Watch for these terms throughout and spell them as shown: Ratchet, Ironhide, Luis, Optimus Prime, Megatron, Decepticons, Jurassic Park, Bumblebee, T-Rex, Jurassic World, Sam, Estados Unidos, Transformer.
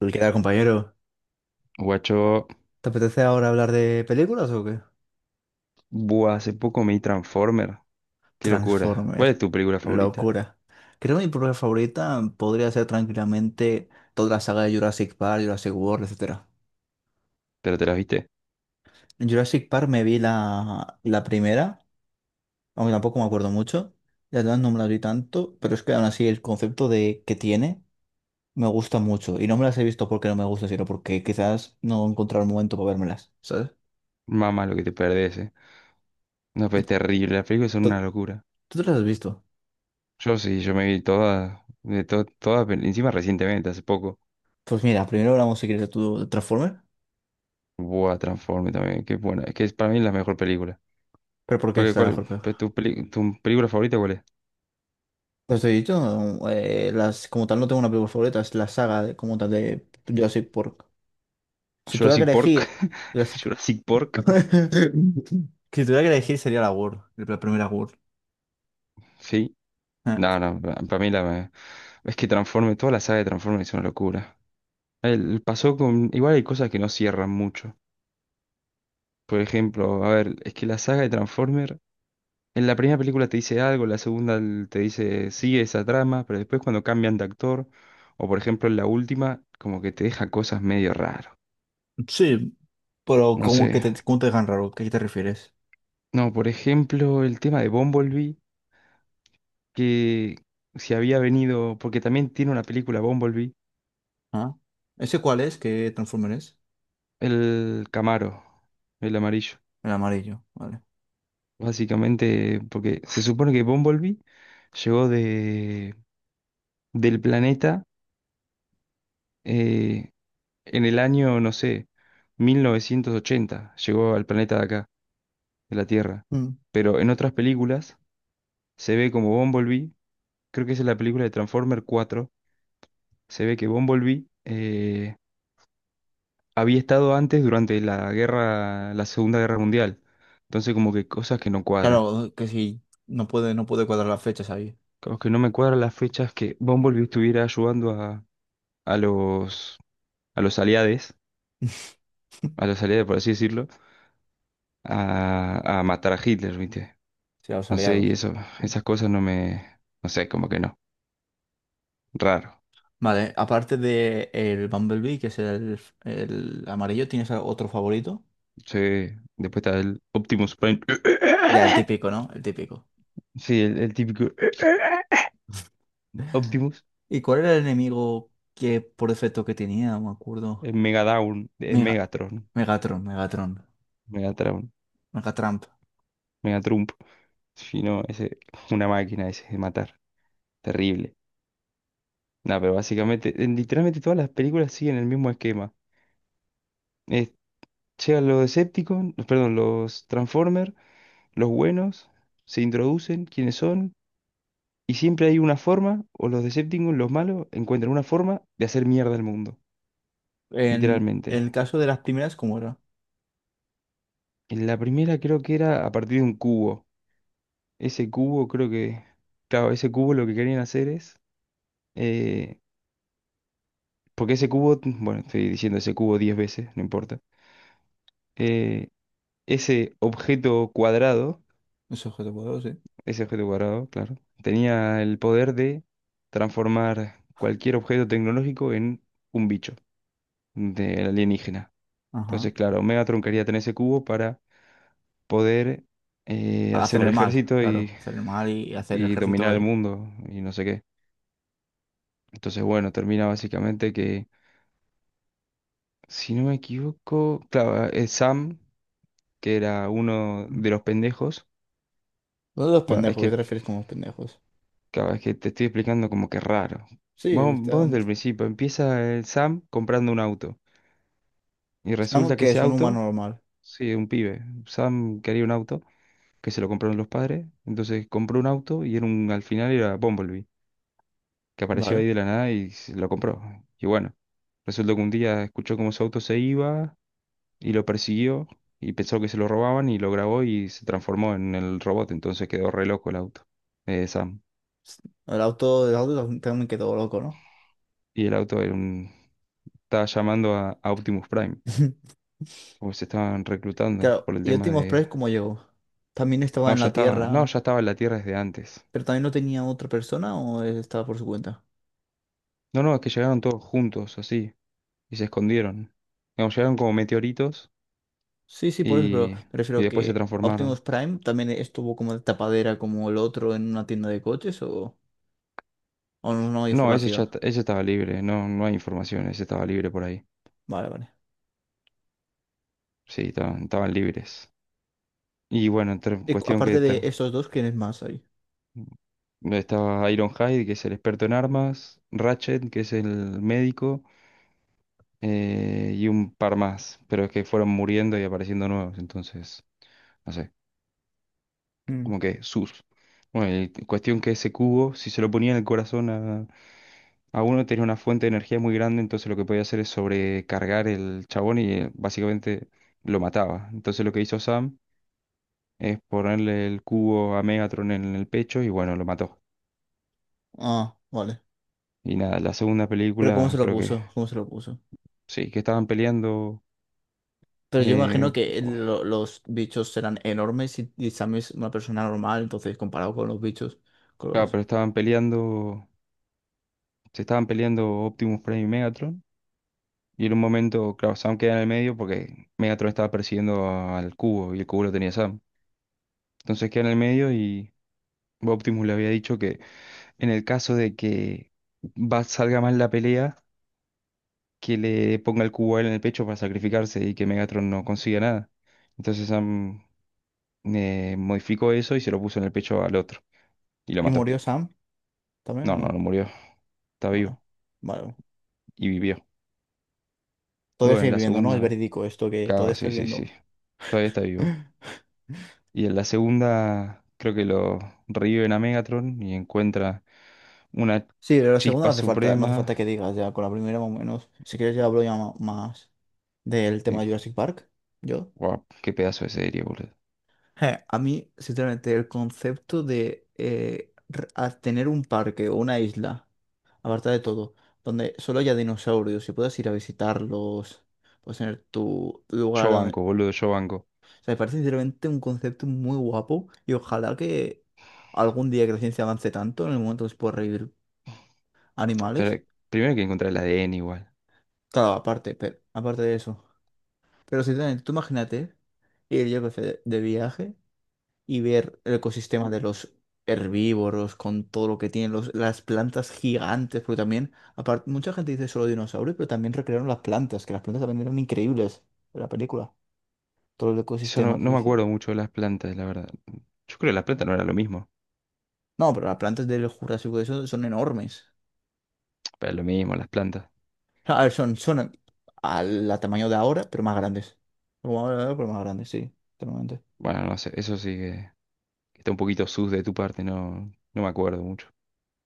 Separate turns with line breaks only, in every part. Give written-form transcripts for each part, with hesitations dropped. Uy, ¿qué tal, compañero?
Guacho,
¿Te apetece ahora hablar de películas o qué?
buah, hace poco me vi Transformer. Qué locura. ¿Cuál es
Transformer.
tu película favorita?
Locura. Creo que mi propia favorita podría ser tranquilamente toda la saga de Jurassic Park, Jurassic World, etcétera.
¿Pero te las viste?
En Jurassic Park me vi la primera, aunque tampoco me acuerdo mucho. Las demás no me las vi tanto, pero es que aún así el concepto de que tiene me gusta mucho. Y no me las he visto porque no me gusta, sino porque quizás no he encontrado el momento para vérmelas, ¿sabes?
Mamá, lo que te perdés, eh. No, pues es terrible. Las películas son una
¿Tú,
locura.
tú te las has visto?
Yo sí, yo me vi todas, todas, encima recientemente, hace poco.
Pues mira, primero hablamos si quieres de tu Transformer.
Buah, Transformer también, qué buena. Es que para mí la mejor película.
¿Pero por qué
Porque,
es la
¿cuál,
mejor
pues,
película?
tu película favorita cuál es?
Pues te he dicho, las, como tal no tengo una película favorita, es la saga de, como tal de Jurassic Park. Si tuviera que
Jurassic Park.
elegir... Jurassic-
Jurassic Park,
Si tuviera que elegir sería la World, la primera World.
sí.
Eh,
No, no, para mí la. Es que Transformer, toda la saga de Transformer es una locura. El, pasó con. Igual hay cosas que no cierran mucho. Por ejemplo, a ver, es que la saga de Transformer, en la primera película te dice algo, la segunda te dice sigue esa trama, pero después cuando cambian de actor, o por ejemplo en la última, como que te deja cosas medio raras.
Sí, pero
No
¿cómo
sé.
que te, cómo te dejan raro? ¿A qué te refieres?
No, por ejemplo, el tema de Bumblebee, que si había venido, porque también tiene una película Bumblebee,
¿Ah? ¿Ese cuál es? ¿Qué Transformer es?
el Camaro, el amarillo.
El amarillo, vale.
Básicamente, porque se supone que Bumblebee llegó de del planeta eh, en el año, no sé, 1980. Llegó al planeta de acá, de la Tierra.
Mm.
Pero en otras películas se ve como Bumblebee, creo que esa es la película de Transformer 4. Se ve que Bumblebee había estado antes durante la guerra, la Segunda Guerra Mundial. Entonces como que cosas que no cuadran.
Claro, que si no puede, no puede cuadrar las fechas ahí.
Como que no me cuadran las fechas que Bumblebee estuviera ayudando a los, a los aliados, por así decirlo, a matar a Hitler, ¿viste?
Si a los
No sé, y
aliados.
eso,
Sí.
esas cosas no me, no sé, como que no. Raro.
Vale, aparte de el Bumblebee, que es el amarillo, ¿tienes otro favorito?
Sí, después está el Optimus Prime.
Ya, el típico, ¿no? El típico.
Sí, el típico Optimus,
¿Y cuál era el enemigo que por defecto que tenía? No me acuerdo.
el Megadown, el
Mega,
Megatron,
Megatron, Megatron,
Megatron,
Megatramp.
Megatrump. Si no, ese, una máquina ese de matar. Terrible. No, pero básicamente, literalmente todas las películas siguen el mismo esquema. Es- Llegan los Decepticons, perdón, los Transformers, los buenos, se introducen, quiénes son. Y siempre hay una forma, o los Decepticons, los malos, encuentran una forma de hacer mierda al mundo,
En
literalmente.
el caso de las primeras, ¿cómo era?
En la primera creo que era a partir de un cubo. Ese cubo creo que, claro, ese cubo lo que querían hacer es, eh, porque ese cubo, bueno, estoy diciendo ese cubo 10 veces, no importa. Eh, Ese objeto cuadrado,
Ese objeto poderoso, sí.
ese objeto cuadrado, claro, tenía el poder de transformar cualquier objeto tecnológico en un bicho de alienígena.
Ajá.
Entonces, claro, Megatron quería tener ese cubo para poder hacer
Hacer
un
el mal,
ejército y,
claro. Hacer el mal y hacer el
y
ejército
dominar
a
el
él.
mundo y no sé qué. Entonces, bueno, termina básicamente que, si no me equivoco, claro, Sam, que era uno
Uno
de los pendejos,
de los
bueno, es
pendejos, ¿qué te
que,
refieres con los pendejos?
claro, es que te estoy explicando como que raro.
Sí,
Vos,
está
vos
un...
desde el principio, empieza el Sam comprando un auto y
Estamos
resulta que
que
ese
es un humano
auto,
normal.
sí, un pibe, Sam quería un auto que se lo compraron los padres, entonces compró un auto y era un, al final era Bumblebee. Que apareció
Vale.
ahí de la nada y se lo compró. Y bueno, resultó que un día escuchó cómo su auto se iba y lo persiguió y pensó que se lo robaban y lo grabó y se transformó en el robot. Entonces quedó re loco el auto, Sam.
El auto también me quedó loco, ¿no?
Y el auto era estaba llamando a Optimus Prime, porque se estaban reclutando
Claro,
por el
¿y
tema
Optimus
de.
Prime cómo llegó? ¿También estaba
No,
en
ya
la
estaba, no,
Tierra,
ya estaba en la Tierra desde antes.
pero también no tenía otra persona o él estaba por su cuenta?
No, no, es que llegaron todos juntos así y se escondieron. Digamos, llegaron como meteoritos
Sí, sí, por eso, pero
y,
me
y
refiero
después se
que Optimus
transformaron.
Prime también estuvo como de tapadera como el otro en una tienda de coches o no, no hay
No, ese ya
información.
t- ese estaba libre, no, no hay información, ese estaba libre por ahí.
Vale, vale.
Sí, estaban libres. Y bueno,
Y cu-
cuestión que
aparte de esos dos, ¿quién es más ahí?
estaba Ironhide, que es el experto en armas, Ratchet, que es el médico, y un par más, pero es que fueron muriendo y apareciendo nuevos, entonces, no sé,
Mm.
como que sus. Bueno, y cuestión que ese cubo, si se lo ponía en el corazón a uno, tenía una fuente de energía muy grande, entonces lo que podía hacer es sobrecargar el chabón y básicamente lo mataba. Entonces lo que hizo Sam es ponerle el cubo a Megatron en el pecho y bueno, lo mató.
Ah, vale.
Y nada, la segunda
Pero ¿cómo se
película
lo
creo que
puso? ¿Cómo se lo puso?
sí, que estaban peleando,
Pero yo imagino
eh,
que
oh,
el- lo- los bichos serán enormes y Sam es una persona normal, entonces comparado con los bichos. Con
claro,
los-
pero estaban peleando, se estaban peleando Optimus Prime y Megatron. Y en un momento, claro, Sam queda en el medio porque Megatron estaba persiguiendo al cubo y el cubo lo tenía Sam. Entonces queda en el medio y Optimus le había dicho, en el caso de que salga mal la pelea, que le ponga el cubo a él en el pecho para sacrificarse y que Megatron no consiga nada. Entonces Sam modificó eso y se lo puso en el pecho al otro. Y lo
¿Y
mató.
murió Sam también o
No, no,
no?
no murió. Está vivo.
Vale. Vale.
Y vivió.
Todavía
Bueno,
sigue
en la
viviendo, ¿no? Es
segunda.
verídico esto que todavía
Claro,
está
sí, sí,
viviendo.
sí. Todavía está vivo. Y en la segunda, creo que lo reviven a Megatron y encuentra una
Sí, pero la segunda
chispa
no hace falta, no hace falta
suprema.
que digas ya, con la primera más o menos. Si quieres ya hablo ya ma- más del tema
Y,
de Jurassic Park. Yo.
guau, qué pedazo de serie, boludo.
A mí, sinceramente, el concepto de r- a tener un parque o una isla. Aparta de todo, donde solo haya dinosaurios y puedas ir a visitarlos, puedes tener tu lugar
Yo
donde...
banco,
O
boludo, yo banco.
sea, me parece sinceramente un concepto muy guapo y ojalá que algún día que la ciencia avance tanto en el momento que se pueda revivir animales.
Pero primero hay que encontrar el ADN igual.
Claro, aparte, pero, aparte de eso. Pero si tú imagínate ir, yo que sé, de viaje. Y ver el ecosistema de los herbívoros con todo lo que tienen los, las plantas gigantes, porque también, aparte, mucha gente dice solo dinosaurios, pero también recrearon las plantas, que las plantas también eran increíbles en la película, todo el
Yo no,
ecosistema que
no me
hicieron.
acuerdo mucho de las plantas, la verdad. Yo creo que las plantas no era lo mismo.
No, pero las plantas del Jurásico de eso son enormes.
Pero lo mismo, las plantas.
A ver, son, son al, al tamaño de ahora, pero más grandes. Como ahora, pero más grandes, sí, totalmente.
Bueno, no sé, eso sí que está un poquito sus de tu parte, no, no me acuerdo mucho.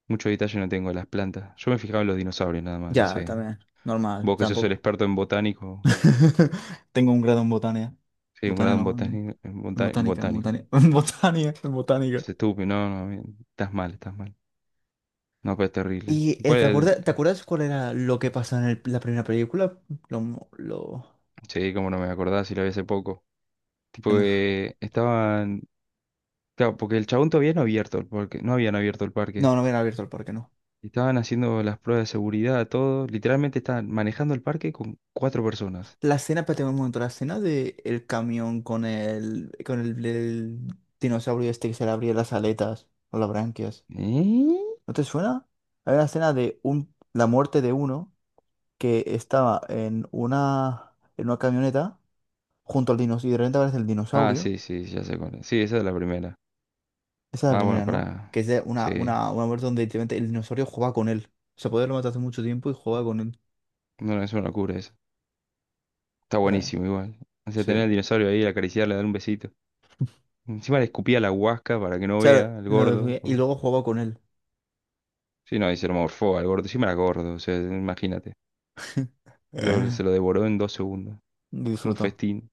Mucho detalle no tengo de las plantas. Yo me fijaba en los dinosaurios nada más, no
Ya,
sé.
también, normal,
Vos que sos el
tampoco.
experto en botánico.
Tengo un grado en botánica.
Sí, un
Botánica
grado en
no,
botánico. En bota- en
en
botánico.
botánica, en botánica, en botánica.
Sos estúpido, no, no, bien, estás mal, estás mal. No, pero es terrible.
¿Y
¿Cuál era el?
te acuerdas cuál era lo que pasó en el- la primera película? Lo...
Sí, como no me acordaba si lo vi hace poco. Tipo
Venga.
que estaban. Claro, porque el chabón todavía no había abierto el parque, no habían abierto el parque.
No, no habían abierto el parque, no.
Estaban haciendo las pruebas de seguridad, todo. Literalmente estaban manejando el parque con cuatro personas.
La escena, espérate un momento, la escena de el camión con el dinosaurio este que se le abría las aletas o las branquias.
¿Eh?
¿No te suena? Hay una escena de un, la muerte de uno que estaba en una camioneta junto al dinosaurio, y de repente aparece el
Ah,
dinosaurio.
sí, sí, ya sé cuál es. Sí, esa es la primera.
Esa es la
Ah, bueno,
primera, ¿no? Que
para.
es de
Sí,
una muerte donde literalmente el dinosaurio juega con él. O sea, poder lo mató hace mucho tiempo y jugaba con él.
no, no, es una locura eso. Está
O sea,
buenísimo igual. O sea,
sí.
tener
O
al dinosaurio ahí, acariciarle, darle un besito. Encima le escupía la huasca para que no
sea,
vea al
lo-
gordo.
y
Po.
luego jugaba con él.
Sí, no, y se lo morfó al gordo. Encima era gordo, o sea, imagínate. Lo- se lo devoró en 2 segundos. Un
Disfruto.
festín,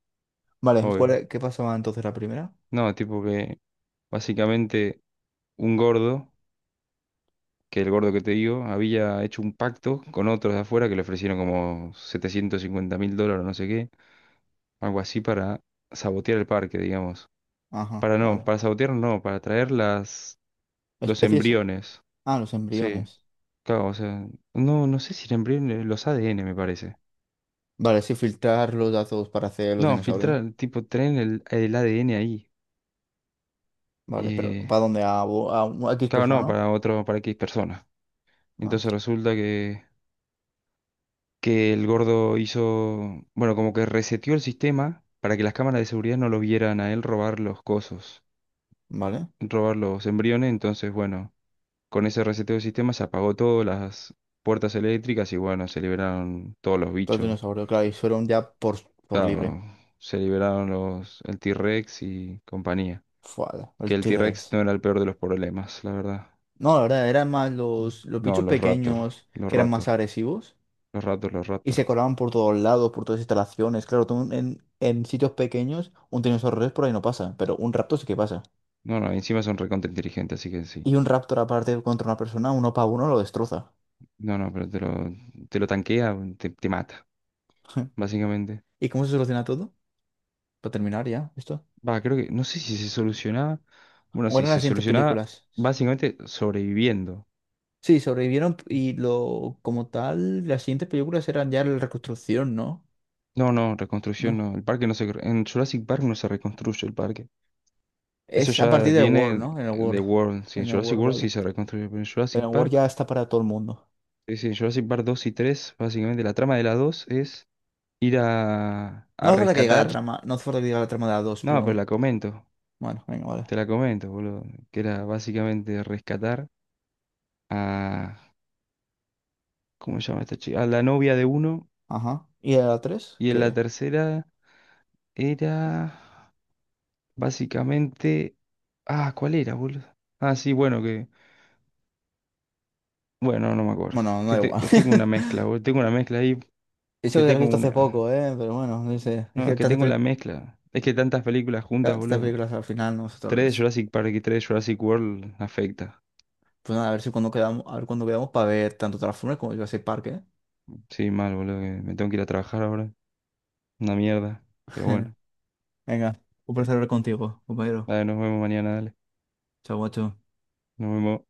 Vale, ¿cuál
obvio.
es- qué pasaba entonces la primera?
No, tipo que básicamente, un gordo, que el gordo que te digo, había hecho un pacto con otros de afuera que le ofrecieron como 750 mil dólares, no sé qué, algo así para sabotear el parque, digamos.
Ajá,
Para no,
vale.
para sabotear no, para traer las, los
Especies.
embriones.
Ah, los
Sí,
embriones.
claro, o sea, no, no sé si el embrión, los ADN me parece.
Vale, sí, filtrar los datos para hacer los
No,
dinosaurios, ¿no?
filtrar, tipo, traen el ADN ahí.
Vale, pero
Eh,
¿para dónde? A, bo- a un- a X
claro,
persona,
no,
¿no?
para otro, para X persona.
Ah,
Entonces resulta que el gordo hizo, bueno, como que reseteó el sistema para que las cámaras de seguridad no lo vieran a él robar los cosos,
vale.
robar los embriones, entonces, bueno, con ese reseteo del sistema se apagó todas las puertas eléctricas y bueno, se liberaron todos los
Todos
bichos.
dinosaurios, claro, y fueron ya por libre.
Claro, se liberaron los, el T-Rex y compañía.
Fua,
Que
el
el T-Rex
T-Rex.
no era el peor de los problemas, la verdad.
No, la verdad, eran más
Mm.
los
No,
bichos
los Raptor,
pequeños
los
que eran más
Raptor,
agresivos
los Raptor, los
y
Raptor.
se colaban por todos lados, por todas las instalaciones. Claro, tú en sitios pequeños, un tiranosaurio rex por ahí no pasa, pero un raptor sí que pasa.
No, no, encima son recontra inteligentes, así que sí.
Y un raptor aparte contra una persona, uno para uno lo destroza.
No, no, pero te lo tanquea, bueno, te mata, básicamente.
¿Y cómo se soluciona todo? Para terminar ya, esto.
Va, creo que, no sé si se solucionaba. Bueno,
¿O
sí,
eran
se
las siguientes
solucionaba
películas?
básicamente sobreviviendo.
Sí, sobrevivieron y lo como tal, las siguientes películas eran ya la reconstrucción, ¿no?
No, no, reconstrucción
No.
no. El parque no se. En Jurassic Park no se reconstruye el parque. Eso
Es a
ya
partir del World,
viene
¿no? En el
de
World.
World. Sí, en
En el
Jurassic
World,
World
vale.
sí se reconstruye. Pero en
Pero
Jurassic
en Word
Park,
ya está para todo el mundo.
sí, sí, en Jurassic Park 2 y 3 básicamente la trama de la dos es ir a,
No
a
hace falta que llegue la
rescatar.
trama. No hace falta que llegue la trama de la 2,
No, pero
pero...
la comento.
Bueno, venga, vale.
Te la comento, boludo. Que era básicamente rescatar a ¿cómo se llama esta chica? A la novia de uno.
Ajá. ¿Y de la 3?
Y en la
Que...
tercera era básicamente. Ah, ¿cuál era, boludo? Ah, sí, bueno, que. Bueno, no me acuerdo.
Bueno, no da
Que
igual.
que tengo una mezcla, boludo. Tengo una mezcla ahí.
Eso
Que
que lo he
tengo
visto hace
una.
poco, ¿eh? Pero bueno, no sé. Es
No,
que
es que
tantas
tengo la
pelic-
mezcla. Es que tantas películas juntas,
tantas
boludo.
películas al final, ¿no?
Tres de
Nosotros...
Jurassic Park y tres de Jurassic World afecta.
Pues nada, a ver si cuando quedamos, a ver cuándo quedamos para ver tanto Transformers como Jurassic Park, ¿eh?
Sí, mal, boludo. Que me tengo que ir a trabajar ahora. Una mierda. Pero bueno.
Venga, un placer hablar contigo, compañero.
Dale, nos vemos mañana, dale.
Chao, guacho.
Nos vemos.